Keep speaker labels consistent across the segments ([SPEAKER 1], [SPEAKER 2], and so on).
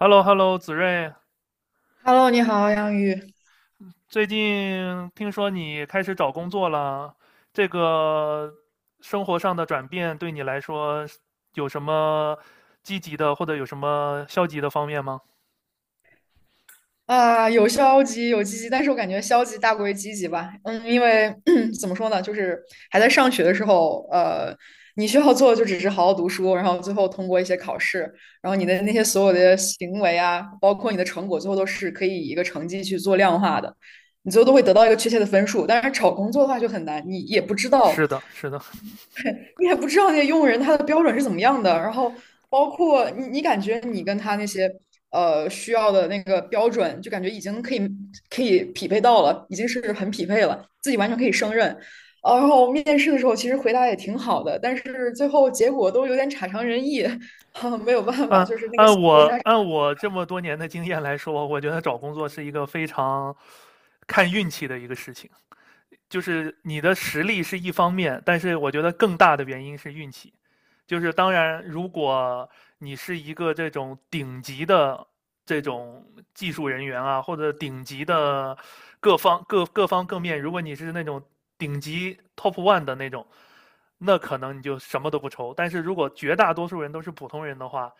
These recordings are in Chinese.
[SPEAKER 1] h e l l o h e l l o 子睿，
[SPEAKER 2] Hello，你好，杨宇。
[SPEAKER 1] 最近听说你开始找工作了，这个生活上的转变对你来说有什么积极的或者有什么消极的方面吗？
[SPEAKER 2] 啊，有消极，有积极，但是我感觉消极大过于积极吧。嗯，因为 怎么说呢，就是还在上学的时候，你需要做的就只是好好读书，然后最后通过一些考试，然后你的那些所有的行为啊，包括你的成果，最后都是可以以一个成绩去做量化的，你最后都会得到一个确切的分数。但是找工作的话就很难，你也不知
[SPEAKER 1] 是
[SPEAKER 2] 道
[SPEAKER 1] 的，是的。
[SPEAKER 2] 你也不知道那些用人他的标准是怎么样的，然后包括你感觉你跟他那些需要的那个标准，就感觉已经可以匹配到了，已经是很匹配了，自己完全可以胜任。然后面试的时候其实回答也挺好的，但是最后结果都有点差强人意，没有办法，
[SPEAKER 1] 按
[SPEAKER 2] 就是那个
[SPEAKER 1] 按
[SPEAKER 2] 落差
[SPEAKER 1] 我按我这么多年的经验来说，我觉得找工作是一个非常看运气的一个事情。就是你的实力是一方面，但是我觉得更大的原因是运气。就是当然，如果你是一个这种顶级的这种技术人员啊，或者顶级的各方各面，如果你是那种顶级 top one 的那种，那可能你就什么都不愁。但是如果绝大多数人都是普通人的话，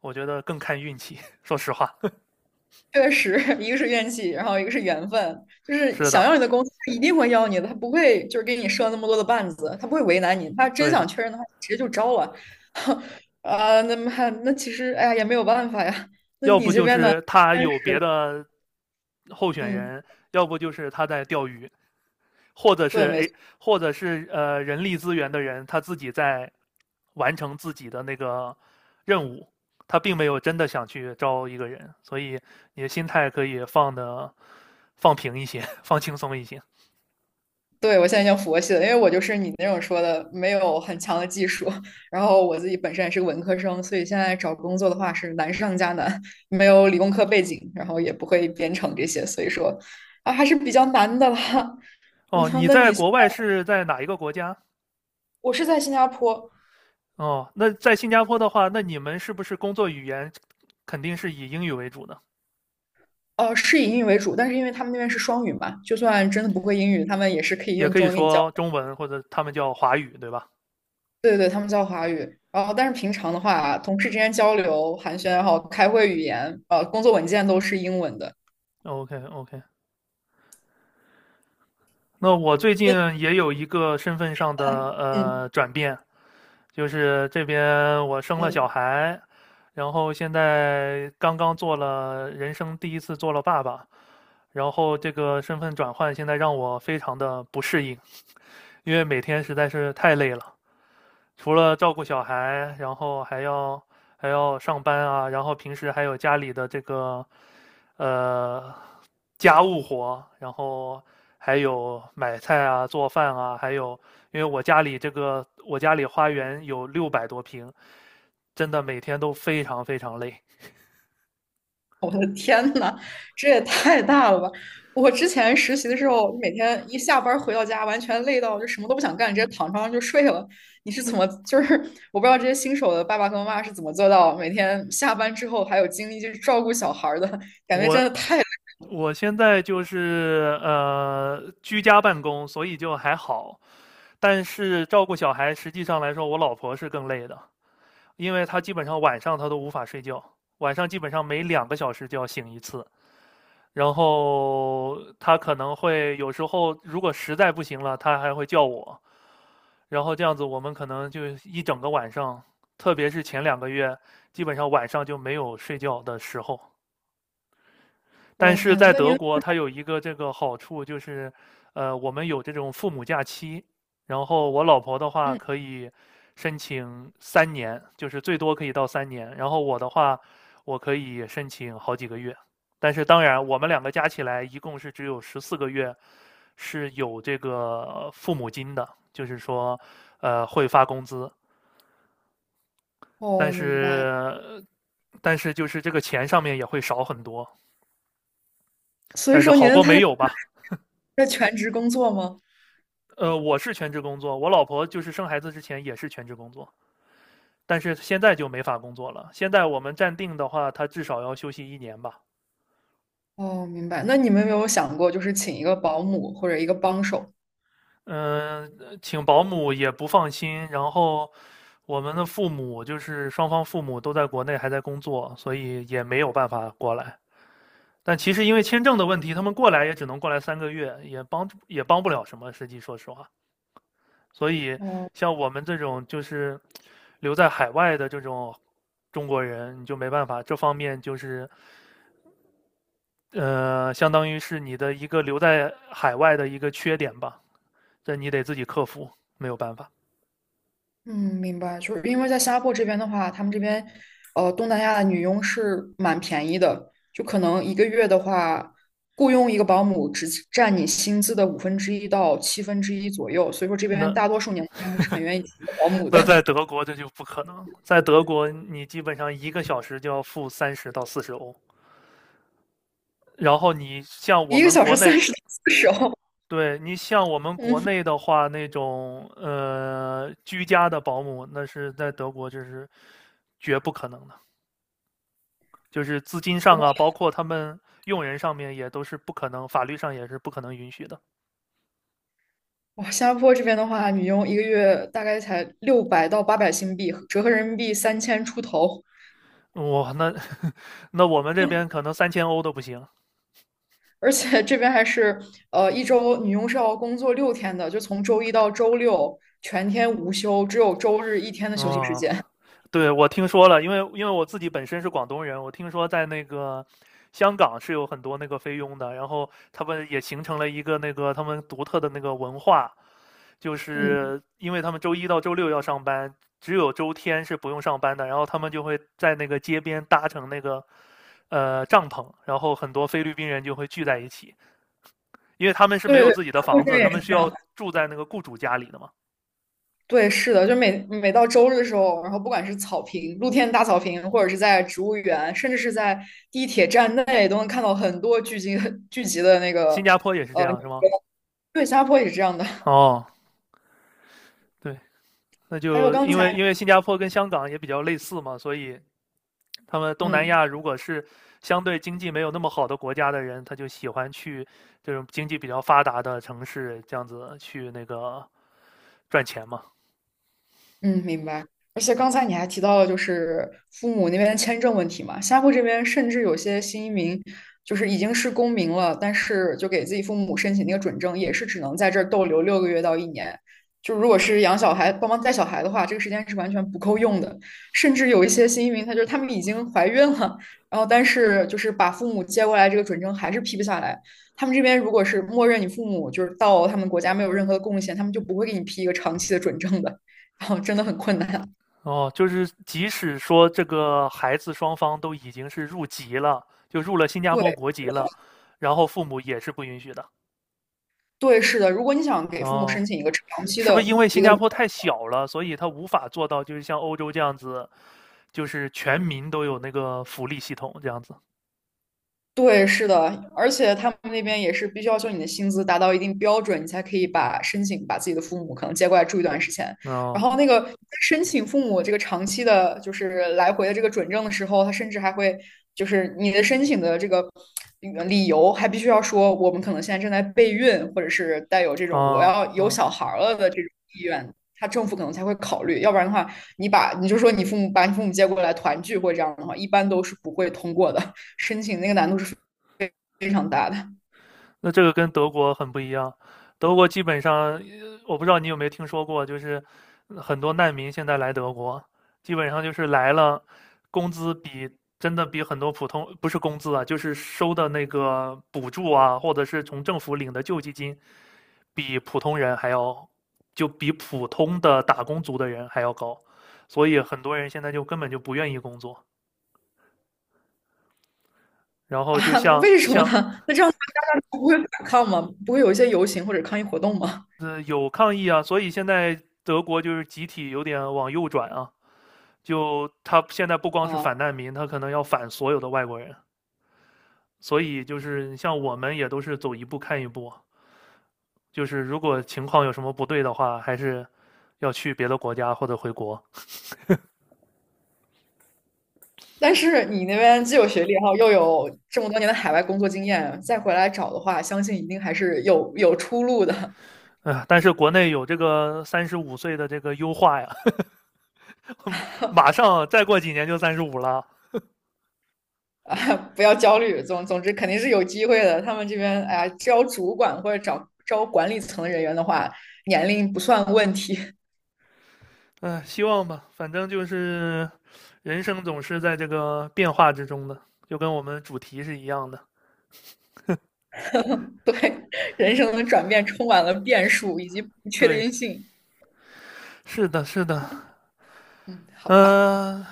[SPEAKER 1] 我觉得更看运气。说实话。
[SPEAKER 2] 确实，一个是怨气，然后一个是缘分，就 是
[SPEAKER 1] 是
[SPEAKER 2] 想
[SPEAKER 1] 的，
[SPEAKER 2] 要你的公司，他一定会要你的，他不会就是给你设那么多的绊子，他不会为难你，他真
[SPEAKER 1] 对的。
[SPEAKER 2] 想确认的话，直接就招了。啊，那么还那其实哎呀也没有办法呀，那
[SPEAKER 1] 要
[SPEAKER 2] 你
[SPEAKER 1] 不
[SPEAKER 2] 这
[SPEAKER 1] 就
[SPEAKER 2] 边呢？
[SPEAKER 1] 是他
[SPEAKER 2] 但
[SPEAKER 1] 有别
[SPEAKER 2] 是
[SPEAKER 1] 的候选
[SPEAKER 2] 嗯，
[SPEAKER 1] 人，要不就是他在钓鱼，或者
[SPEAKER 2] 对，
[SPEAKER 1] 是
[SPEAKER 2] 没
[SPEAKER 1] 哎，
[SPEAKER 2] 错。
[SPEAKER 1] 或者是人力资源的人他自己在完成自己的那个任务，他并没有真的想去招一个人，所以你的心态可以放的放平一些，放轻松一些。
[SPEAKER 2] 对，我现在已经佛系了，因为我就是你那种说的，没有很强的技术，然后我自己本身也是个文科生，所以现在找工作的话是难上加难，没有理工科背景，然后也不会编程这些，所以说啊还是比较难的了。那
[SPEAKER 1] 哦，你
[SPEAKER 2] 那
[SPEAKER 1] 在
[SPEAKER 2] 你现
[SPEAKER 1] 国外
[SPEAKER 2] 在
[SPEAKER 1] 是在哪一个国家？
[SPEAKER 2] 我是在新加坡，
[SPEAKER 1] 哦，那在新加坡的话，那你们是不是工作语言肯定是以英语为主的？
[SPEAKER 2] 是以英语为主，但是因为他们那边是双语嘛，就算真的不会英语，他们也是可以
[SPEAKER 1] 也
[SPEAKER 2] 用
[SPEAKER 1] 可
[SPEAKER 2] 中
[SPEAKER 1] 以
[SPEAKER 2] 文给你教。
[SPEAKER 1] 说中文或者他们叫华语，对吧
[SPEAKER 2] 对对对，他们教华语。然后，但是平常的话，同事之间交流、寒暄，然后开会语言，工作文件都是英文的。
[SPEAKER 1] ？OK， OK。那我最近
[SPEAKER 2] 那
[SPEAKER 1] 也有一个身份上的
[SPEAKER 2] 嗯
[SPEAKER 1] 转变，就是这边我生了小
[SPEAKER 2] 嗯，
[SPEAKER 1] 孩，然后现在刚刚做了人生第一次做了爸爸，然后这个身份转换现在让我非常的不适应，因为每天实在是太累了，除了照顾小孩，然后还要上班啊，然后平时还有家里的这个。呃，家务活，然后还有买菜啊、做饭啊，还有因为我家里这个我家里花园有600多平，真的每天都非常非常累。
[SPEAKER 2] 我的 天呐，这也太大了吧！我之前实习的时候，每天一下班儿回到家，完全累到就什么都不想干，直接躺床上就睡了。你是怎么，就是我不知道这些新手的爸爸和妈妈是怎么做到每天下班之后还有精力去照顾小孩儿的，感觉
[SPEAKER 1] 我
[SPEAKER 2] 真的太累。
[SPEAKER 1] 我现在就是居家办公，所以就还好，但是照顾小孩实际上来说，我老婆是更累的，因为她基本上晚上她都无法睡觉，晚上基本上每2个小时就要醒一次。然后他可能会有时候，如果实在不行了，他还会叫我。然后这样子，我们可能就一整个晚上，特别是前2个月，基本上晚上就没有睡觉的时候。但
[SPEAKER 2] 我的
[SPEAKER 1] 是
[SPEAKER 2] 天，
[SPEAKER 1] 在
[SPEAKER 2] 那
[SPEAKER 1] 德
[SPEAKER 2] 您，
[SPEAKER 1] 国，它有一个这个好处就是，我们有这种父母假期，然后我老婆的话
[SPEAKER 2] 嗯，
[SPEAKER 1] 可以申请三年，就是最多可以到三年，然后我的话，我可以申请好几个月。但是当然，我们两个加起来一共是只有14个月是有这个父母金的，就是说，会发工资，但
[SPEAKER 2] 哦，明白。
[SPEAKER 1] 是但是就是这个钱上面也会少很多，
[SPEAKER 2] 所以
[SPEAKER 1] 但是
[SPEAKER 2] 说
[SPEAKER 1] 好
[SPEAKER 2] 您的
[SPEAKER 1] 过
[SPEAKER 2] 太
[SPEAKER 1] 没
[SPEAKER 2] 太
[SPEAKER 1] 有吧。
[SPEAKER 2] 在全职工作吗？
[SPEAKER 1] 我是全职工作，我老婆就是生孩子之前也是全职工作，但是现在就没法工作了。现在我们暂定的话，她至少要休息一年吧。
[SPEAKER 2] 哦，明白。那你们有没有想过，就是请一个保姆或者一个帮手？
[SPEAKER 1] 嗯、请保姆也不放心，然后我们的父母就是双方父母都在国内还在工作，所以也没有办法过来。但其实因为签证的问题，他们过来也只能过来3个月，也帮不了什么。实际说实话，所以
[SPEAKER 2] 哦。
[SPEAKER 1] 像我们这种就是留在海外的这种中国人，你就没办法，这方面就是相当于是你的一个留在海外的一个缺点吧，这你得自己克服，没有办法。
[SPEAKER 2] 嗯，明白，就是因为在新加坡这边的话，他们这边，东南亚的女佣是蛮便宜的，就可能一个月的话，雇佣一个保姆只占你薪资的五分之一到七分之一左右，所以说这边
[SPEAKER 1] 那
[SPEAKER 2] 大多数年轻人还是很愿意请一个保姆的，
[SPEAKER 1] 那在德国这就不可能，在德国你基本上1个小时就要付30到40欧，然后你像 我
[SPEAKER 2] 一个
[SPEAKER 1] 们
[SPEAKER 2] 小
[SPEAKER 1] 国
[SPEAKER 2] 时
[SPEAKER 1] 内，
[SPEAKER 2] 30到40欧。
[SPEAKER 1] 对，你 像我们国
[SPEAKER 2] 嗯，
[SPEAKER 1] 内的话，那种居家的保姆，那是在德国这是绝不可能的，就是资金上啊，包括他们用人上面也都是不可能，法律上也是不可能允许的。
[SPEAKER 2] 哇，新加坡这边的话，女佣一个月大概才600到800新币，折合人民币3000出头。
[SPEAKER 1] 哇，那 那我们这边可能3000欧都不行。
[SPEAKER 2] 而且这边还是一周女佣是要工作6天的，就从周一到周六全天无休，只有周日一天的休息时
[SPEAKER 1] 哦，
[SPEAKER 2] 间。
[SPEAKER 1] 对，我听说了，因为我自己本身是广东人，我听说在那个香港是有很多那个菲佣的，然后他们也形成了一个那个他们独特的那个文化。就
[SPEAKER 2] 嗯，
[SPEAKER 1] 是因为他们周一到周六要上班，只有周天是不用上班的。然后他们就会在那个街边搭成那个帐篷，然后很多菲律宾人就会聚在一起，因为他们是没
[SPEAKER 2] 对
[SPEAKER 1] 有自己的房子，他
[SPEAKER 2] 对，
[SPEAKER 1] 们是
[SPEAKER 2] 对
[SPEAKER 1] 要住在那个雇主家里的嘛。
[SPEAKER 2] 对，是的，就每每到周日的时候，然后不管是草坪、露天大草坪，或者是在植物园，甚至是在地铁站内，都能看到很多聚集的那
[SPEAKER 1] 新
[SPEAKER 2] 个
[SPEAKER 1] 加坡也是这
[SPEAKER 2] 呃，
[SPEAKER 1] 样，是吗？
[SPEAKER 2] 对，新加坡也是这样的。
[SPEAKER 1] 哦，对。那
[SPEAKER 2] 还有
[SPEAKER 1] 就
[SPEAKER 2] 刚
[SPEAKER 1] 因为
[SPEAKER 2] 才，
[SPEAKER 1] 因为新加坡跟香港也比较类似嘛，所以他们东南
[SPEAKER 2] 嗯。
[SPEAKER 1] 亚如果是相对经济没有那么好的国家的人，他就喜欢去这种经济比较发达的城市，这样子去那个赚钱嘛。
[SPEAKER 2] 嗯，明白。而且刚才你还提到了，就是父母那边签证问题嘛，新加坡这边甚至有些新移民，就是已经是公民了，但是就给自己父母申请那个准证，也是只能在这儿逗留6个月到1年。就如果是养小孩、帮忙带小孩的话，这个时间是完全不够用的。甚至有一些新移民，他就是他们已经怀孕了，然后但是就是把父母接过来，这个准证还是批不下来。他们这边如果是默认你父母就是到他们国家没有任何的贡献，他们就不会给你批一个长期的准证的。然后真的很困难。
[SPEAKER 1] 哦，就是即使说这个孩子双方都已经是入籍了，就入了新加坡
[SPEAKER 2] 对，
[SPEAKER 1] 国籍了，然后父母也是不允许的。
[SPEAKER 2] 对，是的。如果你想给父母
[SPEAKER 1] 哦，
[SPEAKER 2] 申请一个长期
[SPEAKER 1] 是不是
[SPEAKER 2] 的
[SPEAKER 1] 因为
[SPEAKER 2] 一
[SPEAKER 1] 新
[SPEAKER 2] 个
[SPEAKER 1] 加坡太小了，所以他无法做到就是像欧洲这样子，就是全民都有那个福利系统这样子？
[SPEAKER 2] 对，是的，而且他们那边也是必须要求你的薪资达到一定标准，你才可以把申请把自己的父母可能接过来住一段时间。然
[SPEAKER 1] 哦，
[SPEAKER 2] 后那个申请父母这个长期的，就是来回的这个准证的时候，他甚至还会就是你的申请的这个理由还必须要说我们可能现在正在备孕，或者是带有这种我
[SPEAKER 1] 哦，
[SPEAKER 2] 要有
[SPEAKER 1] 嗯。
[SPEAKER 2] 小孩儿了的这种意愿，他政府可能才会考虑。要不然的话，你把你就说你父母把你父母接过来团聚或者这样的话，一般都是不会通过的。申请那个难度是非常大的。
[SPEAKER 1] 那这个跟德国很不一样，德国基本上，我不知道你有没有听说过，就是很多难民现在来德国，基本上就是来了，工资比真的比很多普通，不是工资啊，就是收的那个补助啊，或者是从政府领的救济金，比普通人还要，就比普通的打工族的人还要高，所以很多人现在就根本就不愿意工作，然后就
[SPEAKER 2] 啊！
[SPEAKER 1] 像
[SPEAKER 2] 为什么呢？
[SPEAKER 1] 像
[SPEAKER 2] 那这样大家不会反抗吗？不会有一些游行或者抗议活动吗？
[SPEAKER 1] 有抗议啊，所以现在德国就是集体有点往右转啊，就他现在不光是
[SPEAKER 2] 啊！
[SPEAKER 1] 反难民，他可能要反所有的外国人，所以就是像我们也都是走一步看一步啊，就是如果情况有什么不对的话，还是要去别的国家或者回国。
[SPEAKER 2] 但是你那边既有学历，然后又有这么多年的海外工作经验，再回来找的话，相信一定还是有有出路的。
[SPEAKER 1] 哎，但是国内有这个35岁的这个优化呀，马上再过几年就35了。
[SPEAKER 2] 啊！不要焦虑，总之肯定是有机会的。他们这边哎呀，招主管或者找招管理层的人员的话，年龄不算问题。
[SPEAKER 1] 哎，希望吧，反正就是人生总是在这个变化之中的，就跟我们主题是一样的。
[SPEAKER 2] 对，人生的转变充满了变数以及不确
[SPEAKER 1] 对，
[SPEAKER 2] 定性。
[SPEAKER 1] 是的，是的。
[SPEAKER 2] 嗯，好吧。
[SPEAKER 1] 呃，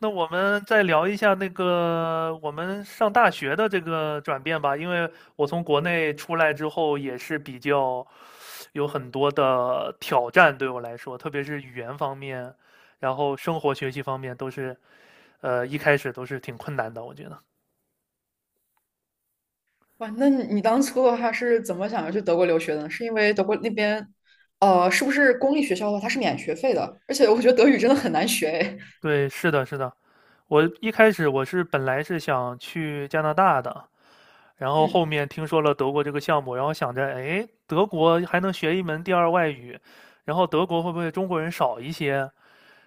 [SPEAKER 1] 那我们再聊一下那个我们上大学的这个转变吧，因为我从国内出来之后也是比较有很多的挑战对我来说，特别是语言方面，然后生活学习方面都是，一开始都是挺困难的，我觉得。
[SPEAKER 2] 哇，那你当初的话是怎么想要去德国留学的呢？是因为德国那边，是不是公立学校的话它是免学费的？而且我觉得德语真的很难学诶。
[SPEAKER 1] 对，是的，是的。我一开始我是本来是想去加拿大的，然后后面听说了德国这个项目，然后想着，哎，德国还能学一门第二外语，然后德国会不会中国人少一些，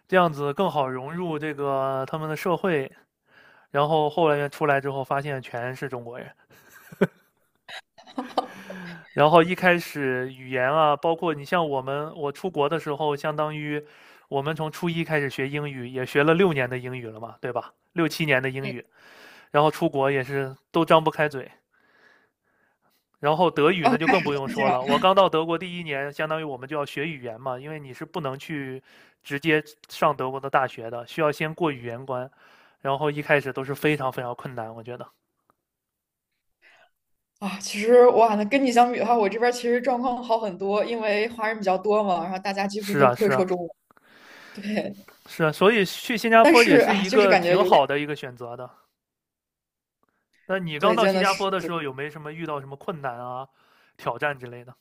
[SPEAKER 1] 这样子更好融入这个他们的社会？然后后来出来之后，发现全是中国人。
[SPEAKER 2] 嗯
[SPEAKER 1] 然后一开始语言啊，包括你像我们，我出国的时候，相当于我们从初一开始学英语，也学了6年的英语了嘛，对吧？6、7年的英
[SPEAKER 2] 嗯，
[SPEAKER 1] 语，然后出国也是都张不开嘴，然后德 语
[SPEAKER 2] 刚
[SPEAKER 1] 那就
[SPEAKER 2] 开
[SPEAKER 1] 更
[SPEAKER 2] 始
[SPEAKER 1] 不
[SPEAKER 2] 就
[SPEAKER 1] 用
[SPEAKER 2] 是这
[SPEAKER 1] 说
[SPEAKER 2] 样
[SPEAKER 1] 了，我刚到德国第一年，相当于我们就要学语言嘛，因为你是不能去直接上德国的大学的，需要先过语言关，然后一开始都是非常非常困难，我觉得。
[SPEAKER 2] 啊。其实哇，那跟你相比的话，我这边其实状况好很多，因为华人比较多嘛，然后大家几乎
[SPEAKER 1] 是
[SPEAKER 2] 都
[SPEAKER 1] 啊，
[SPEAKER 2] 会
[SPEAKER 1] 是
[SPEAKER 2] 说
[SPEAKER 1] 啊，
[SPEAKER 2] 中文。对，
[SPEAKER 1] 是啊，所以去新加
[SPEAKER 2] 但
[SPEAKER 1] 坡
[SPEAKER 2] 是
[SPEAKER 1] 也是
[SPEAKER 2] 啊，
[SPEAKER 1] 一
[SPEAKER 2] 就是
[SPEAKER 1] 个
[SPEAKER 2] 感觉
[SPEAKER 1] 挺
[SPEAKER 2] 有点
[SPEAKER 1] 好的一个选择的。那你刚
[SPEAKER 2] 对，
[SPEAKER 1] 到
[SPEAKER 2] 真
[SPEAKER 1] 新
[SPEAKER 2] 的
[SPEAKER 1] 加
[SPEAKER 2] 是。
[SPEAKER 1] 坡的时候，有没什么遇到什么困难啊、挑战之类的？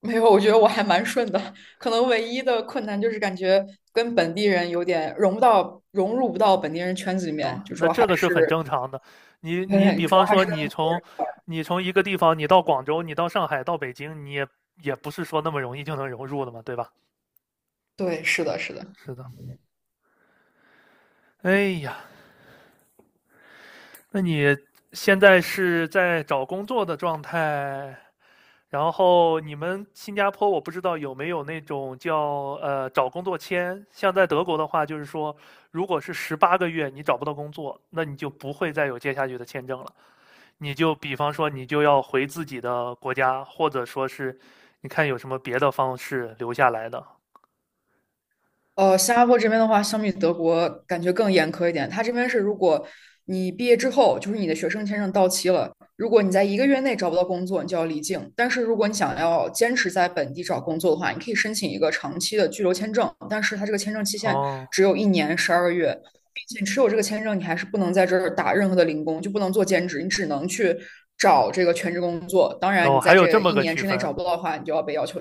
[SPEAKER 2] 没有，我觉得我还蛮顺的，可能唯一的困难就是感觉跟本地人有点融不到、融入不到本地人圈子里
[SPEAKER 1] 哦，
[SPEAKER 2] 面，就
[SPEAKER 1] 那
[SPEAKER 2] 说还
[SPEAKER 1] 这个是很
[SPEAKER 2] 是，
[SPEAKER 1] 正常的。你
[SPEAKER 2] 对，
[SPEAKER 1] 比
[SPEAKER 2] 主要
[SPEAKER 1] 方
[SPEAKER 2] 还
[SPEAKER 1] 说，
[SPEAKER 2] 是跟，
[SPEAKER 1] 你从一个地方，你到广州，你到上海，到北京，你也也不是说那么容易就能融入的嘛，对吧？
[SPEAKER 2] 对，是的，是的。
[SPEAKER 1] 是的。哎呀，那你现在是在找工作的状态，然后你们新加坡我不知道有没有那种叫找工作签，像在德国的话，就是说如果是18个月你找不到工作，那你就不会再有接下去的签证了。你就比方说，你就要回自己的国家，或者说是你看有什么别的方式留下来的。
[SPEAKER 2] 新加坡这边的话，相比德国感觉更严苛一点。它这边是，如果你毕业之后，就是你的学生签证到期了，如果你在一个月内找不到工作，你就要离境。但是如果你想要坚持在本地找工作的话，你可以申请一个长期的居留签证，但是它这个签证期限
[SPEAKER 1] 哦，
[SPEAKER 2] 只有1年12个月，并且持有这个签证，你还是不能在这儿打任何的零工，就不能做兼职，你只能去找这个全职工作。当然，
[SPEAKER 1] 哦，
[SPEAKER 2] 你
[SPEAKER 1] 还
[SPEAKER 2] 在
[SPEAKER 1] 有这
[SPEAKER 2] 这
[SPEAKER 1] 么
[SPEAKER 2] 一
[SPEAKER 1] 个
[SPEAKER 2] 年
[SPEAKER 1] 区
[SPEAKER 2] 之内
[SPEAKER 1] 分。
[SPEAKER 2] 找不到的话，你就要被要求。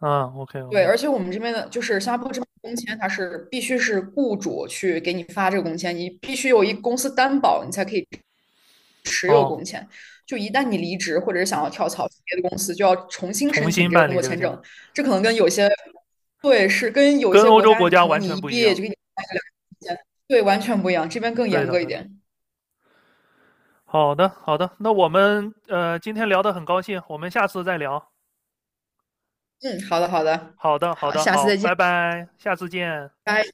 [SPEAKER 1] 嗯，OK
[SPEAKER 2] 对，
[SPEAKER 1] OK。
[SPEAKER 2] 而且我们这边的就是新加坡这边的工签，它是必须是雇主去给你发这个工签，你必须有一公司担保，你才可以。
[SPEAKER 1] 哦，
[SPEAKER 2] 就一旦你离职或者是想要跳槽去别的公司，就要重新
[SPEAKER 1] 重
[SPEAKER 2] 申请
[SPEAKER 1] 新
[SPEAKER 2] 这个
[SPEAKER 1] 办
[SPEAKER 2] 工
[SPEAKER 1] 理
[SPEAKER 2] 作
[SPEAKER 1] 这个
[SPEAKER 2] 签
[SPEAKER 1] 签证，
[SPEAKER 2] 证。这可能跟有些对是跟有一
[SPEAKER 1] 跟
[SPEAKER 2] 些
[SPEAKER 1] 欧
[SPEAKER 2] 国
[SPEAKER 1] 洲
[SPEAKER 2] 家，
[SPEAKER 1] 国
[SPEAKER 2] 你
[SPEAKER 1] 家
[SPEAKER 2] 可能
[SPEAKER 1] 完
[SPEAKER 2] 你
[SPEAKER 1] 全
[SPEAKER 2] 一
[SPEAKER 1] 不
[SPEAKER 2] 毕
[SPEAKER 1] 一
[SPEAKER 2] 业
[SPEAKER 1] 样。
[SPEAKER 2] 就给你发个2年工签，对，完全不一样，这边更
[SPEAKER 1] 对
[SPEAKER 2] 严
[SPEAKER 1] 的，
[SPEAKER 2] 格一
[SPEAKER 1] 对的。
[SPEAKER 2] 点。
[SPEAKER 1] 好的，好的。那我们今天聊得很高兴，我们下次再聊。
[SPEAKER 2] 嗯，好的，好的，
[SPEAKER 1] 好的，好
[SPEAKER 2] 好，
[SPEAKER 1] 的，
[SPEAKER 2] 下次
[SPEAKER 1] 好，
[SPEAKER 2] 再见，
[SPEAKER 1] 拜拜，下次见。
[SPEAKER 2] 拜。